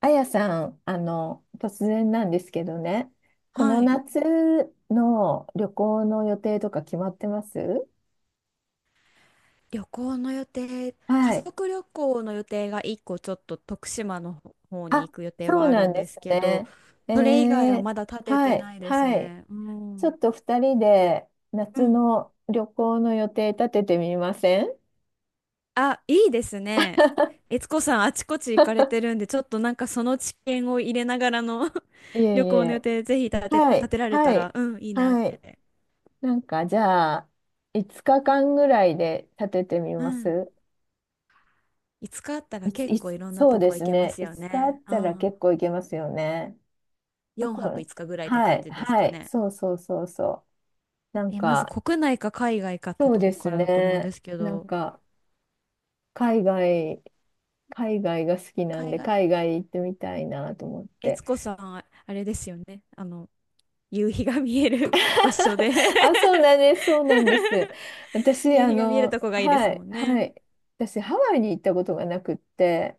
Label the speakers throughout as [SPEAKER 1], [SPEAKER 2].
[SPEAKER 1] あやさん、突然なんですけどね、この
[SPEAKER 2] はい。
[SPEAKER 1] 夏の旅行の予定とか決まってます？
[SPEAKER 2] 旅行の予定、家
[SPEAKER 1] はい。
[SPEAKER 2] 族旅行の予定が1個ちょっと徳島の方に
[SPEAKER 1] あ、
[SPEAKER 2] 行く予定
[SPEAKER 1] そ
[SPEAKER 2] は
[SPEAKER 1] う
[SPEAKER 2] あ
[SPEAKER 1] な
[SPEAKER 2] る
[SPEAKER 1] ん
[SPEAKER 2] ん
[SPEAKER 1] で
[SPEAKER 2] で
[SPEAKER 1] す
[SPEAKER 2] すけど、
[SPEAKER 1] ね。え
[SPEAKER 2] それ以外は
[SPEAKER 1] ー、
[SPEAKER 2] まだ立て
[SPEAKER 1] は
[SPEAKER 2] て
[SPEAKER 1] い、
[SPEAKER 2] ないです
[SPEAKER 1] はい。
[SPEAKER 2] ね。う
[SPEAKER 1] ちょっ
[SPEAKER 2] ん。
[SPEAKER 1] と2人で
[SPEAKER 2] う
[SPEAKER 1] 夏
[SPEAKER 2] ん。
[SPEAKER 1] の旅行の予定立ててみません？
[SPEAKER 2] あ、いいですね。悦子さん、あちこち行かれてるんで、ちょっとなんかその知見を入れながらの
[SPEAKER 1] いえい
[SPEAKER 2] 旅行の予
[SPEAKER 1] え。
[SPEAKER 2] 定、ぜひ立て、
[SPEAKER 1] は
[SPEAKER 2] 立
[SPEAKER 1] い、
[SPEAKER 2] てられた
[SPEAKER 1] は
[SPEAKER 2] ら、
[SPEAKER 1] い、
[SPEAKER 2] うん、いいなっ
[SPEAKER 1] はい。
[SPEAKER 2] て。
[SPEAKER 1] なんか、じゃあ、5日間ぐらいで立ててみ
[SPEAKER 2] う
[SPEAKER 1] ま
[SPEAKER 2] ん。
[SPEAKER 1] す？
[SPEAKER 2] 5日あったら
[SPEAKER 1] いつ、
[SPEAKER 2] 結
[SPEAKER 1] い
[SPEAKER 2] 構
[SPEAKER 1] つ、
[SPEAKER 2] いろんな
[SPEAKER 1] そう
[SPEAKER 2] と
[SPEAKER 1] で
[SPEAKER 2] こ
[SPEAKER 1] す
[SPEAKER 2] 行けま
[SPEAKER 1] ね。
[SPEAKER 2] す
[SPEAKER 1] い
[SPEAKER 2] よ
[SPEAKER 1] つかあ
[SPEAKER 2] ね。
[SPEAKER 1] っ
[SPEAKER 2] う
[SPEAKER 1] たら
[SPEAKER 2] ん。
[SPEAKER 1] 結構いけますよね。ど
[SPEAKER 2] 4泊
[SPEAKER 1] こ、
[SPEAKER 2] 5日ぐらいって
[SPEAKER 1] は
[SPEAKER 2] 感
[SPEAKER 1] い、
[SPEAKER 2] じです
[SPEAKER 1] は
[SPEAKER 2] か
[SPEAKER 1] い、
[SPEAKER 2] ね。
[SPEAKER 1] そうそうそうそう。なん
[SPEAKER 2] え、まず
[SPEAKER 1] か、
[SPEAKER 2] 国内か海外かって
[SPEAKER 1] そう
[SPEAKER 2] と
[SPEAKER 1] で
[SPEAKER 2] こ
[SPEAKER 1] す
[SPEAKER 2] からだと思うんで
[SPEAKER 1] ね。
[SPEAKER 2] すけ
[SPEAKER 1] なん
[SPEAKER 2] ど、
[SPEAKER 1] か、海外、海外が好きなん
[SPEAKER 2] 海
[SPEAKER 1] で、
[SPEAKER 2] 外、
[SPEAKER 1] 海外行ってみたいなと思っ
[SPEAKER 2] 悦
[SPEAKER 1] て。
[SPEAKER 2] 子さん、あ、あれですよね。夕日が見える 場所 で
[SPEAKER 1] あ、そうなんです、そうなんです。私、
[SPEAKER 2] 夕日が見えるとこがいいで
[SPEAKER 1] は
[SPEAKER 2] す
[SPEAKER 1] い、
[SPEAKER 2] もんね。
[SPEAKER 1] はい。私、ハワイに行ったことがなくって、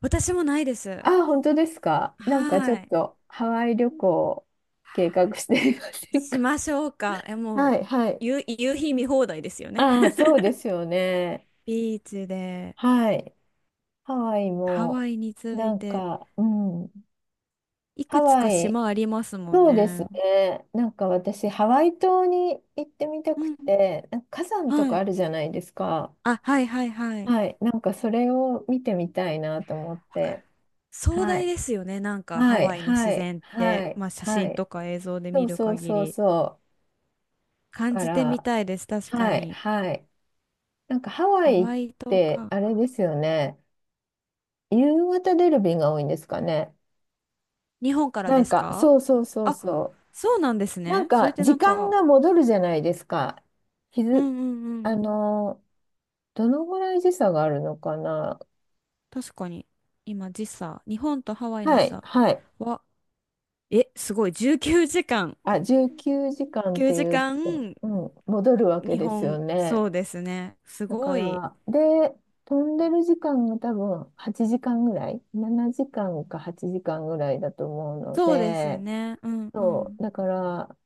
[SPEAKER 2] 私もないです。
[SPEAKER 1] あ、本当ですか。なんかちょ
[SPEAKER 2] は
[SPEAKER 1] っ
[SPEAKER 2] い。
[SPEAKER 1] と、ハワイ旅行を計画していま
[SPEAKER 2] い
[SPEAKER 1] せん
[SPEAKER 2] し
[SPEAKER 1] か。
[SPEAKER 2] ましょうか。え、も
[SPEAKER 1] は
[SPEAKER 2] う、
[SPEAKER 1] い、はい。
[SPEAKER 2] 夕日見放題ですよね。
[SPEAKER 1] ああ、そうで すよね。
[SPEAKER 2] ビーチで、
[SPEAKER 1] はい。ハワイ
[SPEAKER 2] ハ
[SPEAKER 1] も、
[SPEAKER 2] ワイについ
[SPEAKER 1] なん
[SPEAKER 2] て、
[SPEAKER 1] か、うん。
[SPEAKER 2] い
[SPEAKER 1] ハ
[SPEAKER 2] くつ
[SPEAKER 1] ワ
[SPEAKER 2] か
[SPEAKER 1] イ、
[SPEAKER 2] 島ありますもん
[SPEAKER 1] そうです
[SPEAKER 2] ね。
[SPEAKER 1] ね。なんか私、ハワイ島に行ってみた
[SPEAKER 2] う
[SPEAKER 1] く
[SPEAKER 2] ん。
[SPEAKER 1] て、なんか火山と
[SPEAKER 2] は
[SPEAKER 1] かあ
[SPEAKER 2] い。
[SPEAKER 1] るじゃないですか。
[SPEAKER 2] あ、はいはいはい。
[SPEAKER 1] はい。なんかそれを見てみたいなと思っ
[SPEAKER 2] わか
[SPEAKER 1] て。
[SPEAKER 2] る。壮
[SPEAKER 1] は
[SPEAKER 2] 大
[SPEAKER 1] い。
[SPEAKER 2] ですよね。なんかハ
[SPEAKER 1] はい、
[SPEAKER 2] ワイの
[SPEAKER 1] は
[SPEAKER 2] 自
[SPEAKER 1] い、
[SPEAKER 2] 然っ
[SPEAKER 1] は
[SPEAKER 2] て、
[SPEAKER 1] い、
[SPEAKER 2] まあ写
[SPEAKER 1] は
[SPEAKER 2] 真
[SPEAKER 1] い。
[SPEAKER 2] とか映像で
[SPEAKER 1] そ
[SPEAKER 2] 見
[SPEAKER 1] う
[SPEAKER 2] る
[SPEAKER 1] そう
[SPEAKER 2] 限
[SPEAKER 1] そう
[SPEAKER 2] り
[SPEAKER 1] そう。
[SPEAKER 2] 感
[SPEAKER 1] か
[SPEAKER 2] じてみ
[SPEAKER 1] ら、
[SPEAKER 2] たいです。確か
[SPEAKER 1] はい、
[SPEAKER 2] に。
[SPEAKER 1] はい。なんかハワ
[SPEAKER 2] ハ
[SPEAKER 1] イっ
[SPEAKER 2] ワイ島
[SPEAKER 1] て、
[SPEAKER 2] か。
[SPEAKER 1] あれですよね。夕方出る便が多いんですかね。
[SPEAKER 2] 日本から
[SPEAKER 1] な
[SPEAKER 2] で
[SPEAKER 1] ん
[SPEAKER 2] す
[SPEAKER 1] か、
[SPEAKER 2] か？
[SPEAKER 1] そうそうそう
[SPEAKER 2] あ、
[SPEAKER 1] そ
[SPEAKER 2] そうなんです
[SPEAKER 1] う。なん
[SPEAKER 2] ね。それっ
[SPEAKER 1] か、
[SPEAKER 2] てな
[SPEAKER 1] 時
[SPEAKER 2] ん
[SPEAKER 1] 間
[SPEAKER 2] か、
[SPEAKER 1] が戻るじゃないですか。日
[SPEAKER 2] う
[SPEAKER 1] 付
[SPEAKER 2] んうんう
[SPEAKER 1] あ
[SPEAKER 2] ん。
[SPEAKER 1] のー、どのぐらい時差があるのかな。
[SPEAKER 2] 確かに。今時差、日本とハワイの
[SPEAKER 1] は
[SPEAKER 2] 時
[SPEAKER 1] い、
[SPEAKER 2] 差
[SPEAKER 1] はい。
[SPEAKER 2] は、え、すごい。19時間。
[SPEAKER 1] あ、19時間って
[SPEAKER 2] 9
[SPEAKER 1] いう
[SPEAKER 2] 時
[SPEAKER 1] と、
[SPEAKER 2] 間、
[SPEAKER 1] うん、戻るわけ
[SPEAKER 2] 日
[SPEAKER 1] ですよ
[SPEAKER 2] 本、
[SPEAKER 1] ね。
[SPEAKER 2] そうですね。す
[SPEAKER 1] だか
[SPEAKER 2] ごい。
[SPEAKER 1] ら、で、飛んでる時間が多分8時間ぐらい、7時間か8時間ぐらいだと思うの
[SPEAKER 2] そうです
[SPEAKER 1] で、
[SPEAKER 2] ね。うんう
[SPEAKER 1] そ
[SPEAKER 2] ん。
[SPEAKER 1] う、だから、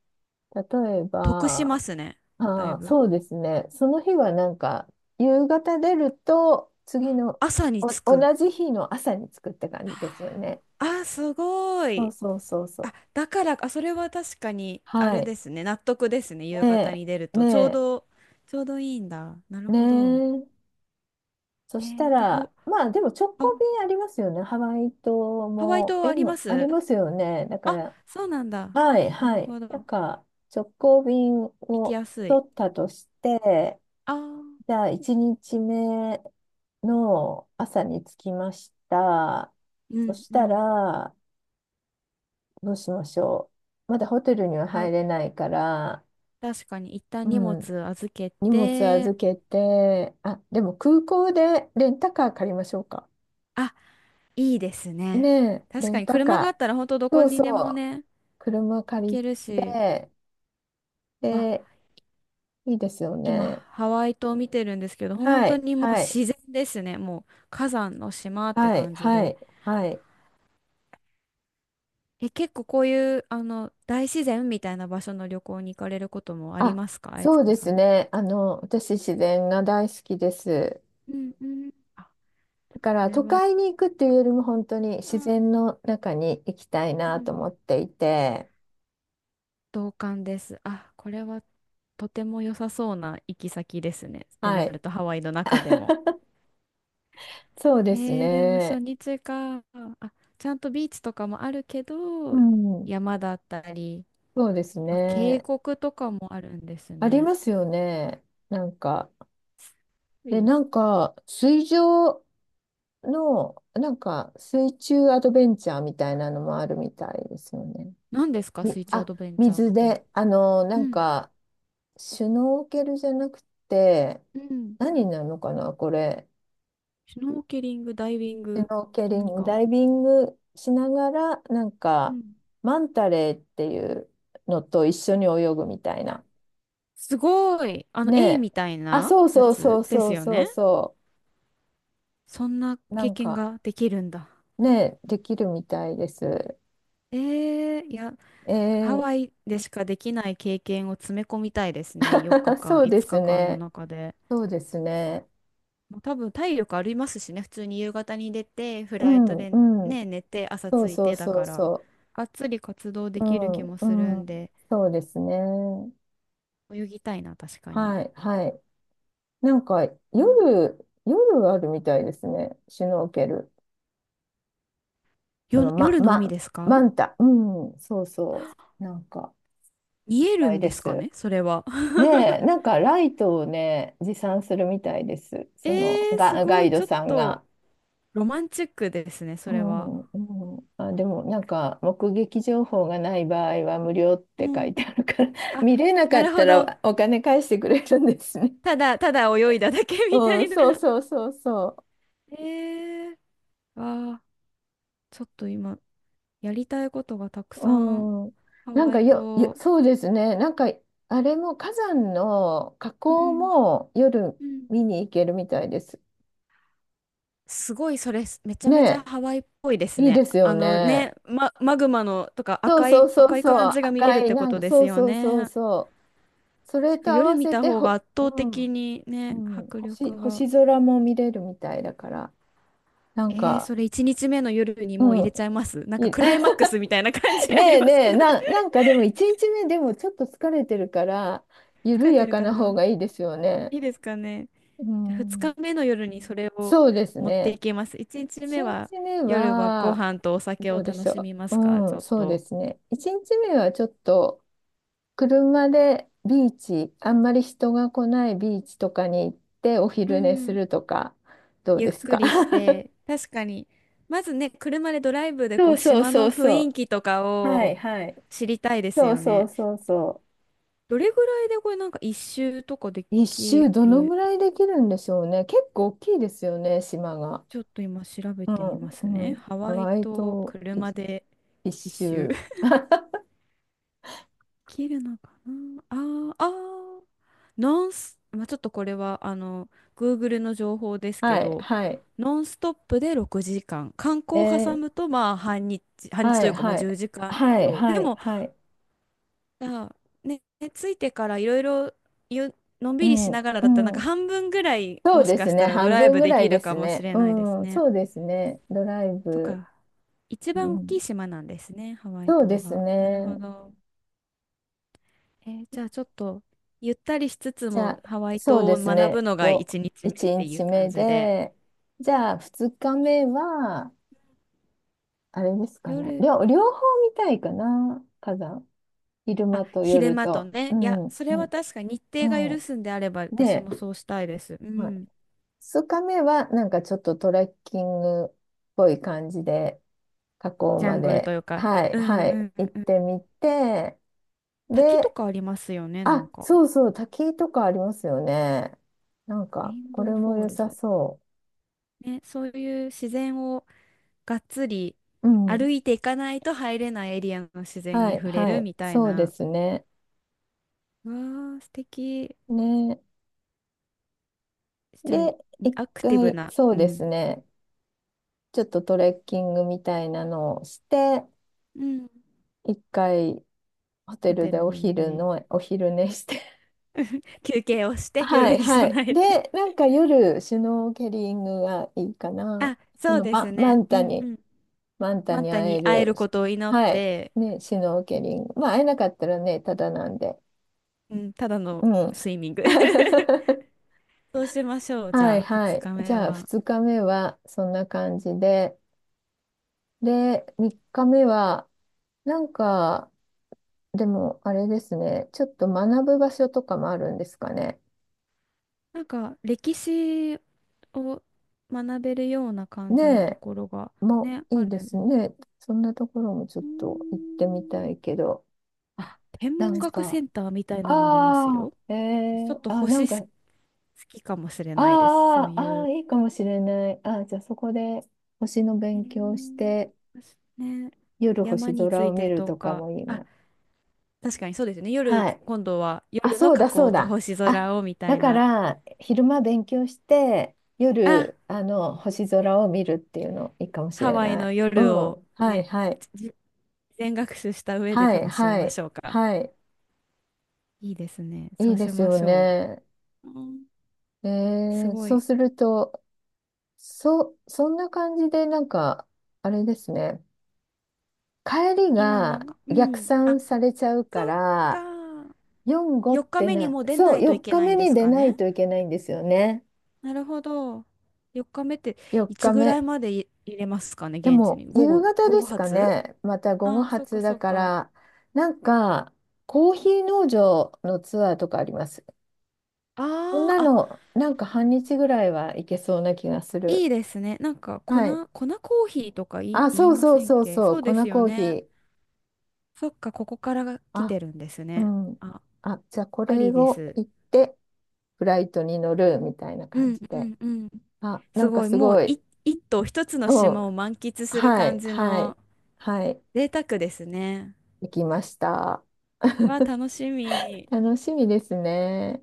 [SPEAKER 1] 例え
[SPEAKER 2] 得しま
[SPEAKER 1] ば、
[SPEAKER 2] すね。だい
[SPEAKER 1] ああ、
[SPEAKER 2] ぶ。
[SPEAKER 1] そうですね。その日はなんか、夕方出ると、次の、
[SPEAKER 2] 朝に着
[SPEAKER 1] お、
[SPEAKER 2] く。
[SPEAKER 1] 同じ日の朝に作って感じですよね。
[SPEAKER 2] あ、すご
[SPEAKER 1] そう
[SPEAKER 2] い。
[SPEAKER 1] そうそうそ
[SPEAKER 2] あ、
[SPEAKER 1] う。
[SPEAKER 2] だから、あ、それは確かに、あ
[SPEAKER 1] は
[SPEAKER 2] れ
[SPEAKER 1] い。
[SPEAKER 2] ですね。納得ですね。夕
[SPEAKER 1] ね
[SPEAKER 2] 方
[SPEAKER 1] え、
[SPEAKER 2] に出ると。ちょう
[SPEAKER 1] ね
[SPEAKER 2] ど、ちょうどいいんだ。なる
[SPEAKER 1] え、ね
[SPEAKER 2] ほど。
[SPEAKER 1] え。そ
[SPEAKER 2] え
[SPEAKER 1] した
[SPEAKER 2] ー、で、ハワ、
[SPEAKER 1] ら、まあでも直
[SPEAKER 2] あ
[SPEAKER 1] 行便ありますよね。ハワイ島
[SPEAKER 2] ハワイ
[SPEAKER 1] も、
[SPEAKER 2] 島あり
[SPEAKER 1] 今、
[SPEAKER 2] ま
[SPEAKER 1] あり
[SPEAKER 2] す？
[SPEAKER 1] ますよね。だか
[SPEAKER 2] あ、
[SPEAKER 1] ら、
[SPEAKER 2] そうなんだ。
[SPEAKER 1] はい、
[SPEAKER 2] なる
[SPEAKER 1] はい。
[SPEAKER 2] ほ
[SPEAKER 1] な
[SPEAKER 2] ど。
[SPEAKER 1] んか、直行便
[SPEAKER 2] 行き
[SPEAKER 1] を
[SPEAKER 2] やすい。
[SPEAKER 1] 取ったとして、
[SPEAKER 2] ああ、う
[SPEAKER 1] じゃあ、1日目の朝に着きました。そ
[SPEAKER 2] ん
[SPEAKER 1] し
[SPEAKER 2] う
[SPEAKER 1] た
[SPEAKER 2] ん。
[SPEAKER 1] ら、どうしましょう。まだホテルには
[SPEAKER 2] は、
[SPEAKER 1] 入れないから、
[SPEAKER 2] 確かに、一旦
[SPEAKER 1] う
[SPEAKER 2] 荷物
[SPEAKER 1] ん、
[SPEAKER 2] 預け
[SPEAKER 1] 荷物
[SPEAKER 2] て、
[SPEAKER 1] 預けて、あ、でも空港でレンタカー借りましょうか。
[SPEAKER 2] あ、いいです
[SPEAKER 1] ね
[SPEAKER 2] ね。
[SPEAKER 1] え、
[SPEAKER 2] 確
[SPEAKER 1] レ
[SPEAKER 2] か
[SPEAKER 1] ン
[SPEAKER 2] に、
[SPEAKER 1] タ
[SPEAKER 2] 車があっ
[SPEAKER 1] カ
[SPEAKER 2] たら、本当ど
[SPEAKER 1] ー。
[SPEAKER 2] こ
[SPEAKER 1] そう
[SPEAKER 2] にで
[SPEAKER 1] そ
[SPEAKER 2] も
[SPEAKER 1] う、
[SPEAKER 2] ね、
[SPEAKER 1] 車
[SPEAKER 2] 行
[SPEAKER 1] 借
[SPEAKER 2] け
[SPEAKER 1] り
[SPEAKER 2] るし。
[SPEAKER 1] て、
[SPEAKER 2] わ、
[SPEAKER 1] で、いいですよ
[SPEAKER 2] 今、
[SPEAKER 1] ね。
[SPEAKER 2] ハワイ島見てるんですけど、本
[SPEAKER 1] は
[SPEAKER 2] 当
[SPEAKER 1] い、
[SPEAKER 2] にもう
[SPEAKER 1] はい、
[SPEAKER 2] 自然ですね。もう火山の島って
[SPEAKER 1] はい、
[SPEAKER 2] 感じ
[SPEAKER 1] は
[SPEAKER 2] で。
[SPEAKER 1] い、はい。
[SPEAKER 2] え、結構こういう、大自然みたいな場所の旅行に行かれることもあり
[SPEAKER 1] あ、
[SPEAKER 2] ますか、悦
[SPEAKER 1] そう
[SPEAKER 2] 子
[SPEAKER 1] で
[SPEAKER 2] さ
[SPEAKER 1] す
[SPEAKER 2] ん。
[SPEAKER 1] ね。私自然が大好きです。
[SPEAKER 2] うんうん。あ、
[SPEAKER 1] だか
[SPEAKER 2] こ
[SPEAKER 1] ら
[SPEAKER 2] れ
[SPEAKER 1] 都
[SPEAKER 2] は、
[SPEAKER 1] 会に行くっていうよりも本当に
[SPEAKER 2] う
[SPEAKER 1] 自
[SPEAKER 2] ん
[SPEAKER 1] 然の中に行きたい
[SPEAKER 2] う
[SPEAKER 1] な
[SPEAKER 2] ん、
[SPEAKER 1] と思っていて。
[SPEAKER 2] 同感です。あ、これはとても良さそうな行き先ですね。って
[SPEAKER 1] は
[SPEAKER 2] な
[SPEAKER 1] い。
[SPEAKER 2] ると、ハワイの中でも。
[SPEAKER 1] そうです
[SPEAKER 2] でも初
[SPEAKER 1] ね。
[SPEAKER 2] 日か。あ、ちゃんとビーチとかもあるけ
[SPEAKER 1] う
[SPEAKER 2] ど、
[SPEAKER 1] ん。
[SPEAKER 2] 山だったり、
[SPEAKER 1] そうです
[SPEAKER 2] あ、渓
[SPEAKER 1] ね。
[SPEAKER 2] 谷とかもあるんです
[SPEAKER 1] あり
[SPEAKER 2] ね。
[SPEAKER 1] ますよね。なんか。
[SPEAKER 2] は
[SPEAKER 1] で、
[SPEAKER 2] い。
[SPEAKER 1] なんか水上の、なんか水中アドベンチャーみたいなのもあるみたいですよね。
[SPEAKER 2] 何ですか、
[SPEAKER 1] み、
[SPEAKER 2] 水中ア
[SPEAKER 1] あ、
[SPEAKER 2] ドベンチャー
[SPEAKER 1] 水
[SPEAKER 2] って。
[SPEAKER 1] で、な
[SPEAKER 2] う
[SPEAKER 1] ん
[SPEAKER 2] ん。
[SPEAKER 1] か、シュノーケルじゃなくて、
[SPEAKER 2] うん。
[SPEAKER 1] 何になるのかな、これ。
[SPEAKER 2] シュノーケリング、ダイビン
[SPEAKER 1] シュ
[SPEAKER 2] グ、
[SPEAKER 1] ノー
[SPEAKER 2] あ
[SPEAKER 1] ケ
[SPEAKER 2] と
[SPEAKER 1] リ
[SPEAKER 2] 何
[SPEAKER 1] ング、
[SPEAKER 2] か。
[SPEAKER 1] ダイビングしながら、なん
[SPEAKER 2] う
[SPEAKER 1] か、
[SPEAKER 2] ん。
[SPEAKER 1] マンタレーっていうのと一緒に泳ぐみたいな。
[SPEAKER 2] すごい。
[SPEAKER 1] ね
[SPEAKER 2] エイ
[SPEAKER 1] え。
[SPEAKER 2] みたい
[SPEAKER 1] あ、
[SPEAKER 2] な
[SPEAKER 1] そう
[SPEAKER 2] や
[SPEAKER 1] そうそう
[SPEAKER 2] つで
[SPEAKER 1] そ
[SPEAKER 2] す
[SPEAKER 1] う
[SPEAKER 2] よ
[SPEAKER 1] そう
[SPEAKER 2] ね。
[SPEAKER 1] そ
[SPEAKER 2] そんな
[SPEAKER 1] う。な
[SPEAKER 2] 経
[SPEAKER 1] ん
[SPEAKER 2] 験
[SPEAKER 1] か、
[SPEAKER 2] ができるんだ。
[SPEAKER 1] ねえ、できるみたいです。
[SPEAKER 2] えいや、
[SPEAKER 1] え
[SPEAKER 2] ハ
[SPEAKER 1] ー
[SPEAKER 2] ワイでしかできない経験を詰め込みたいですね。4 日
[SPEAKER 1] そ
[SPEAKER 2] 間、
[SPEAKER 1] うで
[SPEAKER 2] 5
[SPEAKER 1] す
[SPEAKER 2] 日間の
[SPEAKER 1] ね。
[SPEAKER 2] 中で。
[SPEAKER 1] そうですね。
[SPEAKER 2] もう多分体力ありますしね、普通に夕方に出て、フ
[SPEAKER 1] う
[SPEAKER 2] ライト
[SPEAKER 1] ん
[SPEAKER 2] で
[SPEAKER 1] うん。
[SPEAKER 2] ね、寝て、朝
[SPEAKER 1] そう
[SPEAKER 2] 着い
[SPEAKER 1] そう
[SPEAKER 2] てだ
[SPEAKER 1] そう
[SPEAKER 2] から、
[SPEAKER 1] そう。
[SPEAKER 2] がっつり活動で
[SPEAKER 1] う
[SPEAKER 2] きる気もする
[SPEAKER 1] ん、う
[SPEAKER 2] ん
[SPEAKER 1] ん、
[SPEAKER 2] で、
[SPEAKER 1] そうですね。
[SPEAKER 2] 泳ぎたいな、確かに。
[SPEAKER 1] はい、はい。なんか、
[SPEAKER 2] まあ、
[SPEAKER 1] 夜あるみたいですね。シュノーケル。そ
[SPEAKER 2] よ、
[SPEAKER 1] の、
[SPEAKER 2] 夜の海です
[SPEAKER 1] マ
[SPEAKER 2] か？
[SPEAKER 1] ンタ。うん、そうそう。なんか、
[SPEAKER 2] 見え
[SPEAKER 1] あ
[SPEAKER 2] る
[SPEAKER 1] れ
[SPEAKER 2] ん
[SPEAKER 1] で
[SPEAKER 2] ですか
[SPEAKER 1] す。
[SPEAKER 2] ね、それは。
[SPEAKER 1] ねえ、なんか、ライトをね、持参するみたいです。
[SPEAKER 2] え
[SPEAKER 1] その、
[SPEAKER 2] ー、す
[SPEAKER 1] ガ
[SPEAKER 2] ご
[SPEAKER 1] イ
[SPEAKER 2] い、
[SPEAKER 1] ド
[SPEAKER 2] ちょっ
[SPEAKER 1] さん
[SPEAKER 2] と
[SPEAKER 1] が。
[SPEAKER 2] ロマンチックですね、
[SPEAKER 1] う
[SPEAKER 2] それは。
[SPEAKER 1] ん、うん。あ、でも、なんか、目撃情報がない場合は無料っ
[SPEAKER 2] う
[SPEAKER 1] て書
[SPEAKER 2] ん。
[SPEAKER 1] いてあるから、
[SPEAKER 2] あ、
[SPEAKER 1] 見れな
[SPEAKER 2] な
[SPEAKER 1] か
[SPEAKER 2] る
[SPEAKER 1] っ
[SPEAKER 2] ほ
[SPEAKER 1] た
[SPEAKER 2] ど。
[SPEAKER 1] らお金返してくれるんですね。
[SPEAKER 2] ただ泳いだだけ みた
[SPEAKER 1] うん、
[SPEAKER 2] い
[SPEAKER 1] そう
[SPEAKER 2] な。
[SPEAKER 1] そうそうそ
[SPEAKER 2] えー、あちょっと今、やりたいことがたく
[SPEAKER 1] う。
[SPEAKER 2] さん、
[SPEAKER 1] うん。
[SPEAKER 2] ハ
[SPEAKER 1] なん
[SPEAKER 2] ワ
[SPEAKER 1] か
[SPEAKER 2] イと、
[SPEAKER 1] そうですね。なんか、あれも火山の火
[SPEAKER 2] う
[SPEAKER 1] 口
[SPEAKER 2] ん。
[SPEAKER 1] も夜
[SPEAKER 2] うん、
[SPEAKER 1] 見に行けるみたいです。
[SPEAKER 2] すごい、それ、すめちゃ
[SPEAKER 1] ね
[SPEAKER 2] めちゃハワイっぽいです
[SPEAKER 1] え、いい
[SPEAKER 2] ね。
[SPEAKER 1] ですよ
[SPEAKER 2] あの
[SPEAKER 1] ね。
[SPEAKER 2] ね、マグマのとか
[SPEAKER 1] そう
[SPEAKER 2] 赤
[SPEAKER 1] そう
[SPEAKER 2] い、
[SPEAKER 1] そう
[SPEAKER 2] 赤い
[SPEAKER 1] そう。
[SPEAKER 2] 感じが見れ
[SPEAKER 1] 赤
[SPEAKER 2] るっ
[SPEAKER 1] い、
[SPEAKER 2] て
[SPEAKER 1] な
[SPEAKER 2] こ
[SPEAKER 1] ん
[SPEAKER 2] と
[SPEAKER 1] か、
[SPEAKER 2] で
[SPEAKER 1] そ
[SPEAKER 2] す
[SPEAKER 1] う
[SPEAKER 2] よ
[SPEAKER 1] そうそう
[SPEAKER 2] ね。
[SPEAKER 1] そう。それ
[SPEAKER 2] 確か
[SPEAKER 1] と合
[SPEAKER 2] 夜
[SPEAKER 1] わ
[SPEAKER 2] 見
[SPEAKER 1] せ
[SPEAKER 2] た
[SPEAKER 1] て
[SPEAKER 2] 方が
[SPEAKER 1] ほ、
[SPEAKER 2] 圧
[SPEAKER 1] う
[SPEAKER 2] 倒的
[SPEAKER 1] ん、
[SPEAKER 2] に
[SPEAKER 1] う
[SPEAKER 2] ね、
[SPEAKER 1] ん、
[SPEAKER 2] 迫力が。
[SPEAKER 1] 星空も見れるみたいだから、なん
[SPEAKER 2] えー、
[SPEAKER 1] か、
[SPEAKER 2] それ1日目の夜にもう
[SPEAKER 1] う
[SPEAKER 2] 入れ
[SPEAKER 1] ん、
[SPEAKER 2] ちゃいます？なん
[SPEAKER 1] い
[SPEAKER 2] か
[SPEAKER 1] い
[SPEAKER 2] クライマックスみたいな感じあ
[SPEAKER 1] ね
[SPEAKER 2] り
[SPEAKER 1] え
[SPEAKER 2] ま
[SPEAKER 1] ね
[SPEAKER 2] すけ
[SPEAKER 1] え、
[SPEAKER 2] ど
[SPEAKER 1] なんかでも1日目でもちょっと疲れてるから、
[SPEAKER 2] 疲
[SPEAKER 1] 緩
[SPEAKER 2] れて
[SPEAKER 1] や
[SPEAKER 2] る
[SPEAKER 1] か
[SPEAKER 2] か
[SPEAKER 1] な方
[SPEAKER 2] な？
[SPEAKER 1] がいいですよね。
[SPEAKER 2] いいですかね。
[SPEAKER 1] う
[SPEAKER 2] じゃあ2
[SPEAKER 1] ん、
[SPEAKER 2] 日目の夜にそれを
[SPEAKER 1] そうです
[SPEAKER 2] 持ってい
[SPEAKER 1] ね。
[SPEAKER 2] きます。1日
[SPEAKER 1] 1
[SPEAKER 2] 目は
[SPEAKER 1] 日目
[SPEAKER 2] 夜はご
[SPEAKER 1] は、
[SPEAKER 2] 飯とお酒を
[SPEAKER 1] どうで
[SPEAKER 2] 楽
[SPEAKER 1] し
[SPEAKER 2] し
[SPEAKER 1] ょ
[SPEAKER 2] みま
[SPEAKER 1] う。
[SPEAKER 2] すか、ち
[SPEAKER 1] う
[SPEAKER 2] ょ
[SPEAKER 1] ん、
[SPEAKER 2] っ
[SPEAKER 1] そうで
[SPEAKER 2] と。
[SPEAKER 1] すね。1日目はちょっと、車でビーチ、あんまり人が来ないビーチとかに行って、お
[SPEAKER 2] う
[SPEAKER 1] 昼寝す
[SPEAKER 2] ん、
[SPEAKER 1] るとか、どう
[SPEAKER 2] ゆ
[SPEAKER 1] で
[SPEAKER 2] っ
[SPEAKER 1] す
[SPEAKER 2] く
[SPEAKER 1] か。
[SPEAKER 2] りし て、確かに、まずね、車でドライブでこ
[SPEAKER 1] そう
[SPEAKER 2] う
[SPEAKER 1] そう
[SPEAKER 2] 島
[SPEAKER 1] そう
[SPEAKER 2] の雰
[SPEAKER 1] そ
[SPEAKER 2] 囲気とか
[SPEAKER 1] う。は
[SPEAKER 2] を
[SPEAKER 1] いはい。
[SPEAKER 2] 知りたいです
[SPEAKER 1] そう
[SPEAKER 2] よ
[SPEAKER 1] そ
[SPEAKER 2] ね。
[SPEAKER 1] うそうそう。
[SPEAKER 2] どれぐらいでこれなんか一周とかで
[SPEAKER 1] 一周
[SPEAKER 2] き
[SPEAKER 1] どのぐ
[SPEAKER 2] る？
[SPEAKER 1] らいできるんでしょうね。結構大きいですよね、島が。
[SPEAKER 2] ちょっと今調べ
[SPEAKER 1] う
[SPEAKER 2] てみます
[SPEAKER 1] ん、う
[SPEAKER 2] ね。
[SPEAKER 1] ん。
[SPEAKER 2] ハ
[SPEAKER 1] ハ
[SPEAKER 2] ワイ
[SPEAKER 1] ワイ
[SPEAKER 2] と
[SPEAKER 1] 島い
[SPEAKER 2] 車で
[SPEAKER 1] 一
[SPEAKER 2] 一周。で
[SPEAKER 1] 周。
[SPEAKER 2] きるのかな？あー、あー、ノンス、まあ、ちょっとこれはGoogle の情報ですけ
[SPEAKER 1] はい、
[SPEAKER 2] ど、
[SPEAKER 1] はい。
[SPEAKER 2] ノンストップで6時間。観
[SPEAKER 1] え
[SPEAKER 2] 光を挟
[SPEAKER 1] ー、
[SPEAKER 2] むと、まあ、半日、半日
[SPEAKER 1] は
[SPEAKER 2] とい
[SPEAKER 1] い、
[SPEAKER 2] うか、まあ、
[SPEAKER 1] はい。
[SPEAKER 2] 10時間以
[SPEAKER 1] はい、
[SPEAKER 2] 上。
[SPEAKER 1] は
[SPEAKER 2] で
[SPEAKER 1] い、
[SPEAKER 2] も、
[SPEAKER 1] はい。
[SPEAKER 2] あ、ねついてからいろいろ、ゆ、のん
[SPEAKER 1] う
[SPEAKER 2] びりし
[SPEAKER 1] ん、
[SPEAKER 2] ながらだったら、なん
[SPEAKER 1] う
[SPEAKER 2] か
[SPEAKER 1] ん。
[SPEAKER 2] 半分ぐらい
[SPEAKER 1] そう
[SPEAKER 2] もし
[SPEAKER 1] で
[SPEAKER 2] か
[SPEAKER 1] す
[SPEAKER 2] し
[SPEAKER 1] ね。
[SPEAKER 2] たらド
[SPEAKER 1] 半
[SPEAKER 2] ライ
[SPEAKER 1] 分
[SPEAKER 2] ブ
[SPEAKER 1] ぐ
[SPEAKER 2] で
[SPEAKER 1] ら
[SPEAKER 2] き
[SPEAKER 1] い
[SPEAKER 2] る
[SPEAKER 1] で
[SPEAKER 2] か
[SPEAKER 1] す
[SPEAKER 2] もし
[SPEAKER 1] ね。
[SPEAKER 2] れないです
[SPEAKER 1] うん、
[SPEAKER 2] ね。
[SPEAKER 1] そうですね。ドライ
[SPEAKER 2] そっ
[SPEAKER 1] ブ。
[SPEAKER 2] か。一
[SPEAKER 1] う
[SPEAKER 2] 番大
[SPEAKER 1] ん、
[SPEAKER 2] きい島なんですね、ハワイ
[SPEAKER 1] そうで
[SPEAKER 2] 島
[SPEAKER 1] す
[SPEAKER 2] が。なるほ
[SPEAKER 1] ね。
[SPEAKER 2] ど。えー、じゃあちょっと、ゆったりしつつ
[SPEAKER 1] じゃ
[SPEAKER 2] も
[SPEAKER 1] あ、
[SPEAKER 2] ハワイ
[SPEAKER 1] そう
[SPEAKER 2] 島
[SPEAKER 1] で
[SPEAKER 2] を
[SPEAKER 1] す
[SPEAKER 2] 学ぶ
[SPEAKER 1] ね。
[SPEAKER 2] のが
[SPEAKER 1] を
[SPEAKER 2] 1日目っ
[SPEAKER 1] 1
[SPEAKER 2] てい
[SPEAKER 1] 日
[SPEAKER 2] う感
[SPEAKER 1] 目
[SPEAKER 2] じで。
[SPEAKER 1] で、じゃあ2日目は、あれですかね。
[SPEAKER 2] 夜、
[SPEAKER 1] 両方見たいかな。火山。昼
[SPEAKER 2] あ、
[SPEAKER 1] 間と
[SPEAKER 2] 昼
[SPEAKER 1] 夜
[SPEAKER 2] 間と
[SPEAKER 1] と。う
[SPEAKER 2] ね。いや、
[SPEAKER 1] ん、う
[SPEAKER 2] それ
[SPEAKER 1] ん、
[SPEAKER 2] は確かに日程が許
[SPEAKER 1] う
[SPEAKER 2] すんであれば
[SPEAKER 1] ん。
[SPEAKER 2] 私
[SPEAKER 1] で、
[SPEAKER 2] もそうしたいです。う
[SPEAKER 1] はい、
[SPEAKER 2] ん。
[SPEAKER 1] 2日目はなんかちょっとトレッキングっぽい感じで、火口
[SPEAKER 2] ジャ
[SPEAKER 1] ま
[SPEAKER 2] ングルと
[SPEAKER 1] で、
[SPEAKER 2] いうか。
[SPEAKER 1] はい、
[SPEAKER 2] う
[SPEAKER 1] はい、
[SPEAKER 2] ん
[SPEAKER 1] 行っ
[SPEAKER 2] うん、
[SPEAKER 1] てみて、
[SPEAKER 2] 滝と
[SPEAKER 1] で、
[SPEAKER 2] かありますよね、な
[SPEAKER 1] あ、
[SPEAKER 2] んか。
[SPEAKER 1] そうそう、滝とかありますよね。なん
[SPEAKER 2] レ
[SPEAKER 1] か、
[SPEAKER 2] イン
[SPEAKER 1] これ
[SPEAKER 2] ボー
[SPEAKER 1] も
[SPEAKER 2] フォー
[SPEAKER 1] 良
[SPEAKER 2] ル
[SPEAKER 1] さ
[SPEAKER 2] ズ。
[SPEAKER 1] そ
[SPEAKER 2] ね、そういう自然をがっつり
[SPEAKER 1] う。うん。
[SPEAKER 2] 歩いていかないと入れないエリアの自然
[SPEAKER 1] は
[SPEAKER 2] に
[SPEAKER 1] い、
[SPEAKER 2] 触れ
[SPEAKER 1] は
[SPEAKER 2] る
[SPEAKER 1] い、
[SPEAKER 2] みたい
[SPEAKER 1] そうで
[SPEAKER 2] な。
[SPEAKER 1] すね。
[SPEAKER 2] うわー、素敵。
[SPEAKER 1] ね。
[SPEAKER 2] じ
[SPEAKER 1] で、
[SPEAKER 2] ゃあ、に、
[SPEAKER 1] 一
[SPEAKER 2] アクティブ
[SPEAKER 1] 回、
[SPEAKER 2] な、
[SPEAKER 1] そう
[SPEAKER 2] う
[SPEAKER 1] です
[SPEAKER 2] ん。
[SPEAKER 1] ね。ちょっとトレッキングみたいなのをして、
[SPEAKER 2] うん。
[SPEAKER 1] 一回ホテ
[SPEAKER 2] ホ
[SPEAKER 1] ル
[SPEAKER 2] テ
[SPEAKER 1] で
[SPEAKER 2] ル
[SPEAKER 1] お
[SPEAKER 2] に戻
[SPEAKER 1] 昼
[SPEAKER 2] り、
[SPEAKER 1] の、お昼寝して。
[SPEAKER 2] 休憩をし て
[SPEAKER 1] は
[SPEAKER 2] 夜
[SPEAKER 1] い
[SPEAKER 2] に
[SPEAKER 1] は
[SPEAKER 2] 備
[SPEAKER 1] い。
[SPEAKER 2] えて。
[SPEAKER 1] で、なんか夜、シュノーケリングがいいかな。
[SPEAKER 2] あ、
[SPEAKER 1] そ
[SPEAKER 2] そう
[SPEAKER 1] の
[SPEAKER 2] です
[SPEAKER 1] マ
[SPEAKER 2] ね。うんうん。
[SPEAKER 1] マンタ
[SPEAKER 2] マン
[SPEAKER 1] に
[SPEAKER 2] タ
[SPEAKER 1] 会
[SPEAKER 2] に
[SPEAKER 1] え
[SPEAKER 2] 会え
[SPEAKER 1] る。
[SPEAKER 2] ることを祈っ
[SPEAKER 1] はい。
[SPEAKER 2] て、
[SPEAKER 1] ね、シュノーケリング。まあ、会えなかったらね、ただなんで。
[SPEAKER 2] うん、ただの
[SPEAKER 1] うん。
[SPEAKER 2] スイミング そうしましょう。じ
[SPEAKER 1] は
[SPEAKER 2] ゃ
[SPEAKER 1] い
[SPEAKER 2] あ、
[SPEAKER 1] は
[SPEAKER 2] 2
[SPEAKER 1] い。
[SPEAKER 2] 日
[SPEAKER 1] じ
[SPEAKER 2] 目
[SPEAKER 1] ゃあ、
[SPEAKER 2] は。
[SPEAKER 1] 2日目はそんな感じで。で、3日目は、なんか、でも、あれですね。ちょっと学ぶ場所とかもあるんですかね。
[SPEAKER 2] なんか歴史を学べるような感
[SPEAKER 1] ね
[SPEAKER 2] じのと
[SPEAKER 1] え、
[SPEAKER 2] ころが
[SPEAKER 1] も
[SPEAKER 2] ね、
[SPEAKER 1] うい
[SPEAKER 2] あ
[SPEAKER 1] いで
[SPEAKER 2] るん
[SPEAKER 1] す
[SPEAKER 2] で。
[SPEAKER 1] ね。そんなところもちょ
[SPEAKER 2] う
[SPEAKER 1] っ
[SPEAKER 2] ー
[SPEAKER 1] と行ってみた
[SPEAKER 2] ん、
[SPEAKER 1] いけど。あ、
[SPEAKER 2] 天
[SPEAKER 1] な
[SPEAKER 2] 文
[SPEAKER 1] ん
[SPEAKER 2] 学
[SPEAKER 1] か、
[SPEAKER 2] センターみたいなのあります
[SPEAKER 1] ああ、
[SPEAKER 2] よ。
[SPEAKER 1] え
[SPEAKER 2] ちょっ
[SPEAKER 1] え
[SPEAKER 2] と
[SPEAKER 1] あ、なん
[SPEAKER 2] 星、す、
[SPEAKER 1] か、
[SPEAKER 2] 好きかもしれないです、そう
[SPEAKER 1] ああ、
[SPEAKER 2] い
[SPEAKER 1] ああ、
[SPEAKER 2] う。
[SPEAKER 1] いいかもしれない。あじゃあそこで星の
[SPEAKER 2] へ
[SPEAKER 1] 勉
[SPEAKER 2] ー、
[SPEAKER 1] 強して、
[SPEAKER 2] ね、
[SPEAKER 1] 夜
[SPEAKER 2] 山
[SPEAKER 1] 星
[SPEAKER 2] につ
[SPEAKER 1] 空を
[SPEAKER 2] い
[SPEAKER 1] 見
[SPEAKER 2] て
[SPEAKER 1] る
[SPEAKER 2] と
[SPEAKER 1] とか
[SPEAKER 2] か、
[SPEAKER 1] も
[SPEAKER 2] あ、
[SPEAKER 1] 今。
[SPEAKER 2] 確かにそうですよね。夜、
[SPEAKER 1] はい。
[SPEAKER 2] 今度は
[SPEAKER 1] あ、
[SPEAKER 2] 夜の
[SPEAKER 1] そう
[SPEAKER 2] 火
[SPEAKER 1] だ、そう
[SPEAKER 2] 口と
[SPEAKER 1] だ。
[SPEAKER 2] 星
[SPEAKER 1] あ、
[SPEAKER 2] 空をみた
[SPEAKER 1] だ
[SPEAKER 2] い
[SPEAKER 1] か
[SPEAKER 2] な。
[SPEAKER 1] ら、昼間勉強して、
[SPEAKER 2] あ、
[SPEAKER 1] 夜、星空を見るっていうのいいかもし
[SPEAKER 2] ハ
[SPEAKER 1] れ
[SPEAKER 2] ワイ
[SPEAKER 1] な
[SPEAKER 2] の
[SPEAKER 1] い。う
[SPEAKER 2] 夜を
[SPEAKER 1] ん。はい、
[SPEAKER 2] ね、
[SPEAKER 1] はい。
[SPEAKER 2] じ、事前学習した上で
[SPEAKER 1] はい、
[SPEAKER 2] 楽しみ
[SPEAKER 1] は
[SPEAKER 2] ま
[SPEAKER 1] い。
[SPEAKER 2] しょうか。
[SPEAKER 1] はい。
[SPEAKER 2] いいですね。
[SPEAKER 1] い
[SPEAKER 2] そ
[SPEAKER 1] い
[SPEAKER 2] う
[SPEAKER 1] で
[SPEAKER 2] し
[SPEAKER 1] す
[SPEAKER 2] ま
[SPEAKER 1] よ
[SPEAKER 2] しょ
[SPEAKER 1] ね。
[SPEAKER 2] う。ん。う。
[SPEAKER 1] え
[SPEAKER 2] すご
[SPEAKER 1] そう
[SPEAKER 2] い。
[SPEAKER 1] すると、そんな感じで、なんか、あれですね。帰り
[SPEAKER 2] 今の
[SPEAKER 1] が
[SPEAKER 2] が、う
[SPEAKER 1] 逆
[SPEAKER 2] ん。あ、
[SPEAKER 1] 算されちゃうか
[SPEAKER 2] そっ
[SPEAKER 1] ら、
[SPEAKER 2] か。
[SPEAKER 1] 4、5っ
[SPEAKER 2] 4日
[SPEAKER 1] て
[SPEAKER 2] 目に
[SPEAKER 1] な、
[SPEAKER 2] もう出な
[SPEAKER 1] そう、
[SPEAKER 2] いとい
[SPEAKER 1] 4
[SPEAKER 2] け
[SPEAKER 1] 日
[SPEAKER 2] ない
[SPEAKER 1] 目
[SPEAKER 2] んで
[SPEAKER 1] に
[SPEAKER 2] す
[SPEAKER 1] 出
[SPEAKER 2] か
[SPEAKER 1] ない
[SPEAKER 2] ね。
[SPEAKER 1] といけないんですよね。
[SPEAKER 2] なるほど。4日目って
[SPEAKER 1] 4
[SPEAKER 2] いつ
[SPEAKER 1] 日
[SPEAKER 2] ぐら
[SPEAKER 1] 目。
[SPEAKER 2] いまでい入れますかね、
[SPEAKER 1] で
[SPEAKER 2] 現地
[SPEAKER 1] も、
[SPEAKER 2] に。午
[SPEAKER 1] 夕
[SPEAKER 2] 後、
[SPEAKER 1] 方
[SPEAKER 2] 午
[SPEAKER 1] で
[SPEAKER 2] 後
[SPEAKER 1] すか
[SPEAKER 2] 発？
[SPEAKER 1] ね。また午後
[SPEAKER 2] ああー、そっ
[SPEAKER 1] 発
[SPEAKER 2] か
[SPEAKER 1] だ
[SPEAKER 2] そっ
[SPEAKER 1] か
[SPEAKER 2] か。
[SPEAKER 1] ら、なんか、コーヒー農場のツアーとかあります？こん
[SPEAKER 2] あ
[SPEAKER 1] な
[SPEAKER 2] ー、あ、
[SPEAKER 1] の、なんか半日ぐらいは行けそうな気がす
[SPEAKER 2] い
[SPEAKER 1] る。
[SPEAKER 2] いですね。なんか粉、
[SPEAKER 1] はい。
[SPEAKER 2] 粉コーヒーとか言い、
[SPEAKER 1] あ、
[SPEAKER 2] 言
[SPEAKER 1] そ
[SPEAKER 2] い
[SPEAKER 1] う
[SPEAKER 2] ま
[SPEAKER 1] そう
[SPEAKER 2] せんっ
[SPEAKER 1] そう
[SPEAKER 2] け
[SPEAKER 1] そ
[SPEAKER 2] そ
[SPEAKER 1] う、
[SPEAKER 2] うで
[SPEAKER 1] 粉
[SPEAKER 2] すよ
[SPEAKER 1] コーヒ
[SPEAKER 2] ね。
[SPEAKER 1] ー。
[SPEAKER 2] そっか、ここからが来
[SPEAKER 1] あ、
[SPEAKER 2] てるんです
[SPEAKER 1] う
[SPEAKER 2] ね。
[SPEAKER 1] ん。
[SPEAKER 2] あ、
[SPEAKER 1] あ、じゃあこ
[SPEAKER 2] あ
[SPEAKER 1] れ
[SPEAKER 2] りで
[SPEAKER 1] を
[SPEAKER 2] す。
[SPEAKER 1] 行って、フライトに乗るみたいな
[SPEAKER 2] う
[SPEAKER 1] 感
[SPEAKER 2] ん
[SPEAKER 1] じ
[SPEAKER 2] う
[SPEAKER 1] で。
[SPEAKER 2] んうん。
[SPEAKER 1] あ、な
[SPEAKER 2] す
[SPEAKER 1] んか
[SPEAKER 2] ごい、
[SPEAKER 1] す
[SPEAKER 2] もう
[SPEAKER 1] ごい。
[SPEAKER 2] い、一島、一つの
[SPEAKER 1] うん。
[SPEAKER 2] 島を満喫する
[SPEAKER 1] は
[SPEAKER 2] 感
[SPEAKER 1] い、
[SPEAKER 2] じ
[SPEAKER 1] はい、
[SPEAKER 2] の、
[SPEAKER 1] はい。
[SPEAKER 2] 贅沢ですね。
[SPEAKER 1] 行きました。
[SPEAKER 2] わあ、楽しみ。
[SPEAKER 1] 楽しみですね。